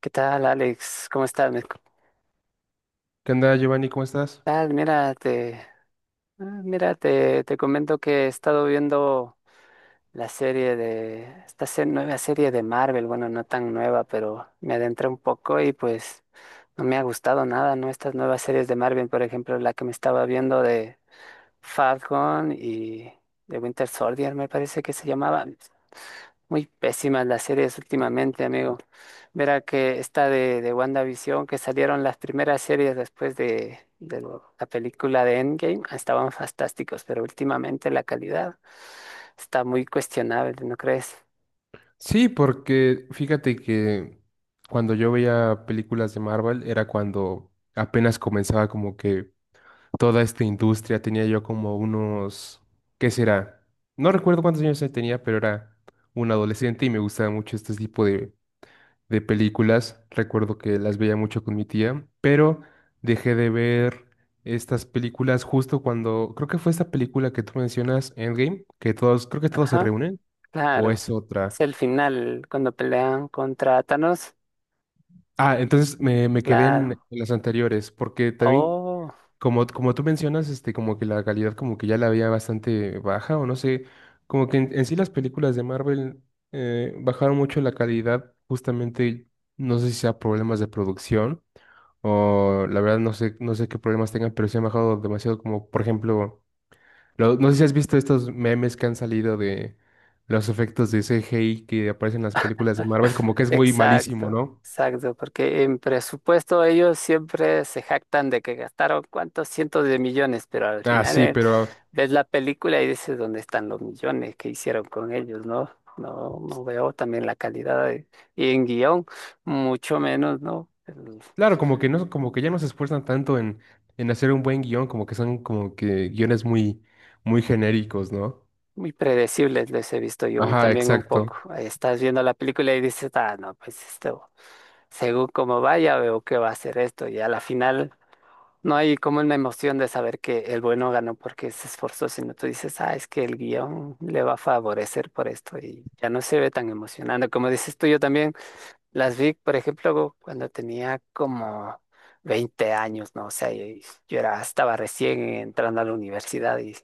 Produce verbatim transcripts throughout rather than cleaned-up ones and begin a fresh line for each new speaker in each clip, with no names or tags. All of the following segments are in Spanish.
¿Qué tal, Alex? ¿Cómo estás? Me- ¿Qué
¿Qué onda, Giovanni? ¿Cómo estás?
tal? Mira, te, ah, mira, te, te comento que he estado viendo la serie de, esta se- nueva serie de Marvel, bueno, no tan nueva, pero me adentré un poco y pues no me ha gustado nada, ¿no? Estas nuevas series de Marvel, por ejemplo, la que me estaba viendo de Falcon y de Winter Soldier, me parece que se llamaba. Muy pésimas las series últimamente, amigo. Verá que esta de, de WandaVision, que salieron las primeras series después de, de lo- la película de Endgame, estaban fantásticos, pero últimamente la calidad está muy cuestionable, ¿no crees?
Sí, porque fíjate que cuando yo veía películas de Marvel era cuando apenas comenzaba como que toda esta industria, tenía yo como unos, ¿qué será? No recuerdo cuántos años tenía, pero era un adolescente y me gustaba mucho este tipo de, de películas. Recuerdo que las veía mucho con mi tía, pero dejé de ver estas películas justo cuando, creo que fue esta película que tú mencionas, Endgame, que todos, creo que todos se
Ajá,
reúnen. ¿O
claro.
es otra?
Es el final, cuando pelean contra Thanos,
Ah, entonces me, me quedé en,
claro.
en las anteriores, porque también,
Oh.
como, como tú mencionas, este, como que la calidad como que ya la había bastante baja, o no sé, como que en, en sí las películas de Marvel eh, bajaron mucho la calidad, justamente, no sé si sea problemas de producción, o la verdad no sé, no sé qué problemas tengan, pero sí han bajado demasiado, como por ejemplo, lo- no sé si has visto estos memes que han salido de los efectos de C G I que aparecen en las películas de Marvel, como que es muy malísimo,
Exacto,
¿no?
exacto, porque en presupuesto ellos siempre se jactan de que gastaron cuántos cientos de millones, pero al
Ah,
final
sí,
eh,
pero
ves la película y dices dónde están los millones que hicieron con ellos, ¿no? No, no veo también la calidad de- y en guión, mucho menos, ¿no? El-
claro, como que no, como que ya no se esfuerzan tanto en, en, hacer un buen guión, como que son como que guiones muy, muy genéricos, ¿no?
Muy predecibles les he visto yo
Ajá,
también un poco.
exacto.
Ahí estás viendo la película y dices, ah, no, pues esto, según cómo vaya, veo que va a ser esto, y a la final. No, hay como una emoción de saber que el bueno ganó porque se esforzó, sino tú dices, ah, es que el guión le va a favorecer por esto y ya no se ve tan emocionante. Como dices tú, yo también las vi, por ejemplo, cuando tenía como veinte años, ¿no? O sea, y- yo era, estaba recién entrando a la universidad y,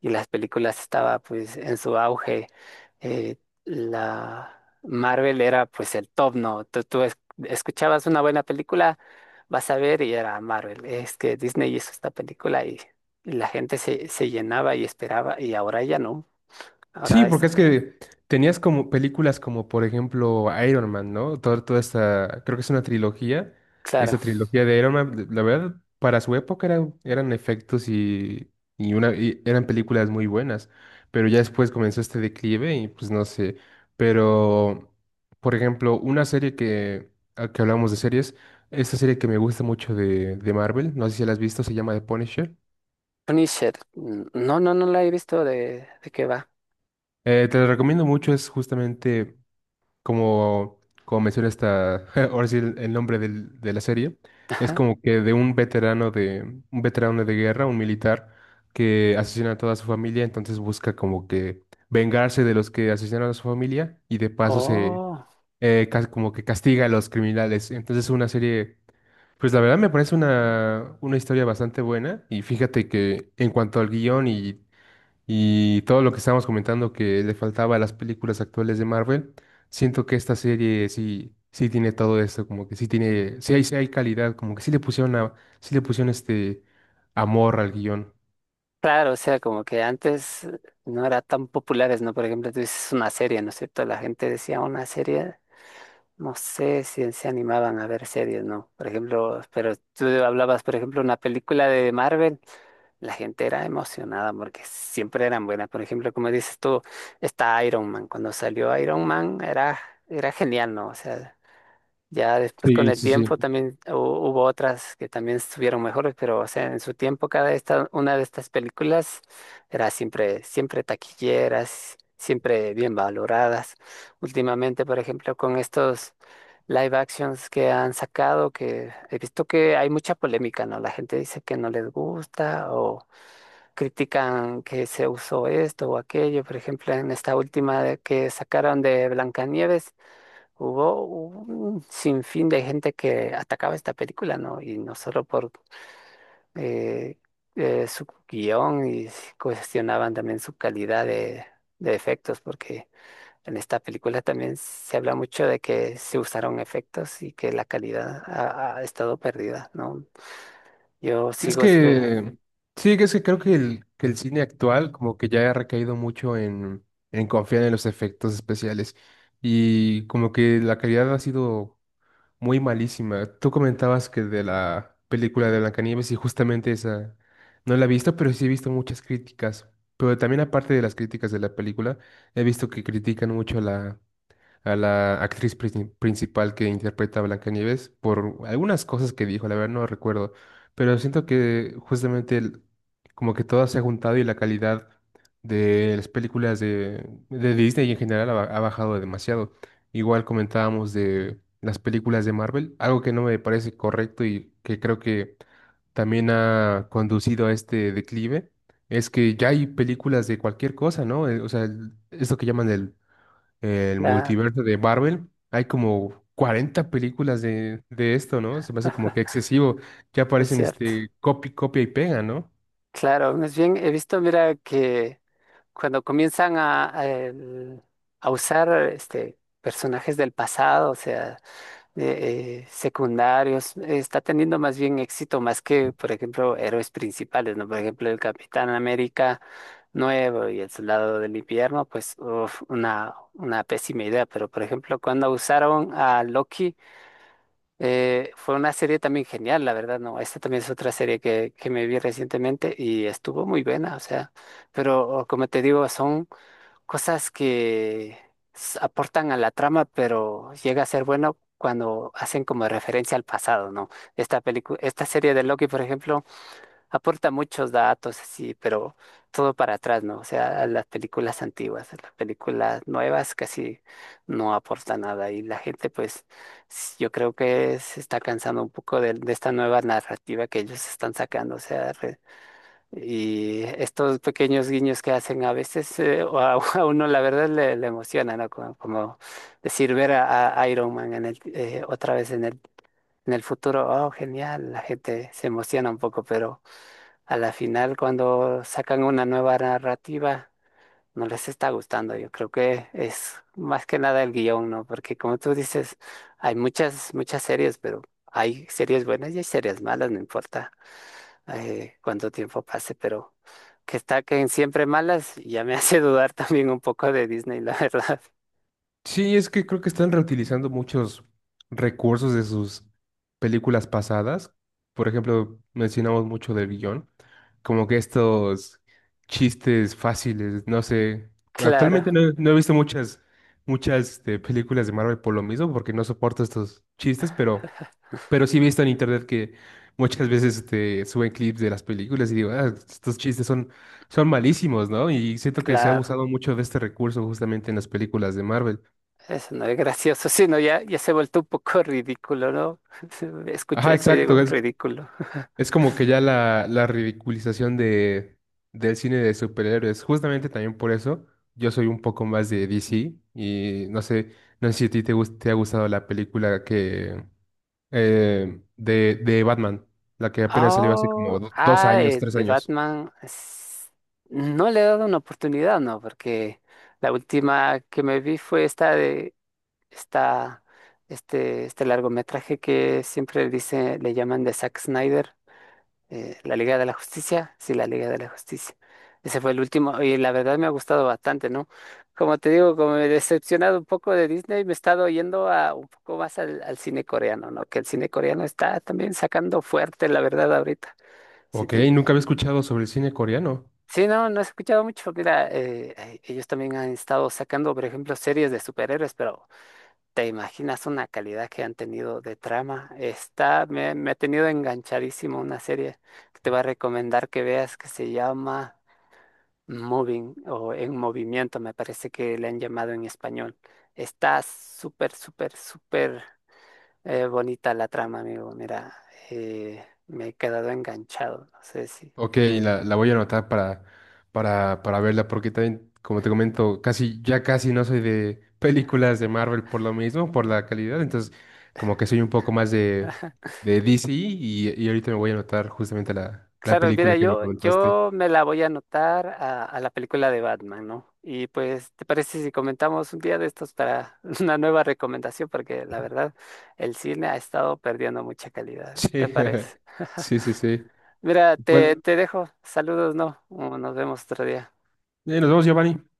y las películas estaba pues en su auge. Eh, la Marvel era pues el top, ¿no? Tú, tú es- escuchabas una buena película, vas a ver y era Marvel. Es que Disney hizo esta película y, y la gente se, se llenaba y esperaba y ahora ya no.
Sí,
Ahora es,
porque es que tenías como películas como por ejemplo Iron Man, ¿no? Toda, toda esta, creo que es una trilogía,
claro,
esa trilogía de Iron Man, la verdad, para su época eran, eran efectos y, y una, y eran películas muy buenas, pero ya después comenzó este declive y pues no sé, pero por ejemplo, una serie que, a que hablamos de series, esta serie que me gusta mucho de, de Marvel, no sé si la has visto, se llama The Punisher.
Punisher. n- No, no, no la he visto de, de qué va.
Eh, te la recomiendo mucho, es justamente como, como menciona esta, ahora sí el, el nombre del- de la serie, es
Ajá.
como que de un veterano de, un veterano de guerra, un militar, que asesina a toda su familia, entonces busca como que vengarse de los que asesinaron a su familia y de paso se,
Oh,
eh, cas- como que castiga a los criminales. Entonces es una serie, pues la verdad me parece una, una historia bastante buena y fíjate que en cuanto al guión y y todo lo que estábamos comentando que le faltaba a las películas actuales de Marvel, siento que esta serie sí, sí tiene todo esto, como que sí tiene, sí hay, sí hay calidad, como que sí le pusieron a, sí le pusieron este amor al guión.
claro, o sea, como que antes no eran tan populares, ¿no? Por ejemplo, tú dices una serie, ¿no es cierto? La gente decía una serie. No sé si se animaban a ver series, ¿no? Por ejemplo, pero tú hablabas, por ejemplo, una película de Marvel, la gente era emocionada porque siempre eran buenas. Por ejemplo, como dices tú, está Iron Man. Cuando salió Iron Man era, era genial, ¿no? O sea. Ya después con
Sí,
el
sí,
tiempo
sí.
también hu- hubo otras que también estuvieron mejores, pero o sea, en su tiempo cada esta, una de estas películas era siempre, siempre taquilleras, siempre bien valoradas. Últimamente, por ejemplo, con estos live actions que han sacado, que he visto que hay mucha polémica, ¿no? La gente dice que no les gusta o critican que se usó esto o aquello. Por ejemplo, en esta última de- que sacaron de Blancanieves. Hubo un sinfín de gente que atacaba esta película, ¿no? Y no solo por eh, eh, su guión y s- cuestionaban también su calidad de, de efectos, porque en esta película también se habla mucho de que se usaron efectos y que la calidad ha, ha estado perdida, ¿no? Yo
Es
sigo esperando.
que, sí, es que creo que el, que el cine actual como que ya ha recaído mucho en, en confiar en los efectos especiales y como que la calidad ha sido muy malísima. Tú comentabas que de la película de Blancanieves y justamente esa no la he visto, pero sí he visto muchas críticas. Pero también aparte de las críticas de la película, he visto que critican mucho la a la actriz princi- principal que interpreta a Blancanieves por algunas cosas que dijo, la verdad no recuerdo, pero siento que justamente el- como que todo se ha juntado y la calidad de las películas de, de Disney en general ha, ba- ha bajado demasiado. Igual comentábamos de las películas de Marvel, algo que no me parece correcto y que creo que también ha conducido a este declive. Es que ya hay películas de cualquier cosa, ¿no? Eh, O sea, el- esto que llaman el el multiverso de Marvel. Hay como cuarenta películas de, de esto, ¿no? Se me hace como que excesivo. Ya
Es
aparecen
cierto.
este copy, copia y pega, ¿no?
Claro, más bien he visto, mira, que cuando comienzan a, a el- a usar este, personajes del pasado, o sea, eh, eh, secundarios, está teniendo más bien éxito más que, por ejemplo, héroes principales, ¿no? Por ejemplo, el Capitán América nuevo y el Soldado del Invierno, pues, uf, una, una pésima idea, pero por ejemplo, cuando usaron a Loki, eh, fue una serie también genial, la verdad, ¿no? Esta también es otra serie que, que me vi recientemente y estuvo muy buena, o sea, pero como te digo, son cosas que s- aportan a la trama, pero llega a ser bueno cuando hacen como referencia al pasado, ¿no? Esta película, esta serie de Loki, por ejemplo, aporta muchos datos así, pero todo para atrás, ¿no? O sea, a las películas antiguas, a las películas nuevas casi no aporta nada y la gente, pues, s- yo creo que se está cansando un poco de, de esta nueva narrativa que ellos están sacando, o sea, y estos pequeños guiños que hacen a veces eh, o a, a uno la verdad le, le emociona, ¿no? Como, como decir ver a, a Iron Man en el, eh, otra vez en el, en el futuro, oh, genial, la gente se emociona un poco, pero a la final cuando sacan una nueva narrativa no les está gustando. Yo creo que es más que nada el guión, ¿no? Porque como tú dices, hay muchas, muchas series, pero hay series buenas y hay series malas, no importa eh, cuánto tiempo pase, pero que está que en siempre malas ya me hace dudar también un poco de Disney, la verdad.
Sí, es que creo que están reutilizando muchos recursos de sus películas pasadas. Por ejemplo, mencionamos mucho del guión, como que estos chistes fáciles, no sé.
Claro,
Actualmente no, no he visto muchas, muchas este, películas de Marvel por lo mismo, porque no soporto estos chistes, pero Pero sí he visto en internet que muchas veces este, suben clips de las películas y digo, "Ah, estos chistes son, son malísimos, ¿no? Y siento que se ha
claro.
abusado mucho de este recurso justamente en las películas de Marvel.
Eso no es gracioso, sino ya, ya se ha vuelto un poco ridículo, ¿no? Escucho
Ajá,
eso y digo,
exacto. Es,
ridículo.
es como que ya la, la, ridiculización de, del cine de superhéroes. Justamente también por eso yo soy un poco más de D C y no sé, no sé si a ti te, gus- te ha gustado la película que eh, de, de Batman, la que apenas salió hace como
Oh,
do- dos
ah,
años,
eh,
tres
de
años.
Batman. es- No le he dado una oportunidad, ¿no? Porque la última que me vi fue esta de esta, este, este largometraje que siempre dice, le llaman de Zack Snyder. Eh, la Liga de la Justicia, sí, la Liga de la Justicia. Ese fue el último y la verdad me ha gustado bastante, ¿no? Como te digo, como me he decepcionado un poco de Disney, me he estado yendo a un poco más al, al cine coreano, ¿no? Que el cine coreano está también sacando fuerte, la verdad, ahorita. Sí,
Ok,
te-
nunca había escuchado sobre el cine coreano.
sí, no, no he escuchado mucho. Mira, eh, eh, ellos también han estado sacando, por ejemplo, series de superhéroes, pero ¿te imaginas una calidad que han tenido de trama? Está, me, me ha tenido enganchadísimo una serie que te voy a recomendar que veas que se llama Moving o En Movimiento, me parece que le han llamado en español. Está súper, súper, súper eh, bonita la trama, amigo. Mira, eh, me he quedado enganchado. No sé si
Ok, la, la voy a anotar para, para, para, verla, porque también, como te comento, casi, ya casi no soy de películas de Marvel por lo mismo, por la calidad. Entonces, como que soy un poco más de, de, D C y, y ahorita me voy a anotar justamente la, la
claro, mira,
película que me
yo,
comentaste.
yo me la voy a anotar a, a la película de Batman, ¿no? Y pues, ¿te parece si comentamos un día de estos para una nueva recomendación? Porque la verdad, el cine ha estado perdiendo mucha calidad. ¿Qué
Sí,
te parece?
sí, sí, sí.
Mira, te,
Bueno,
te dejo. Saludos, ¿no? Nos vemos otro día.
eh, nos vemos, Giovanni.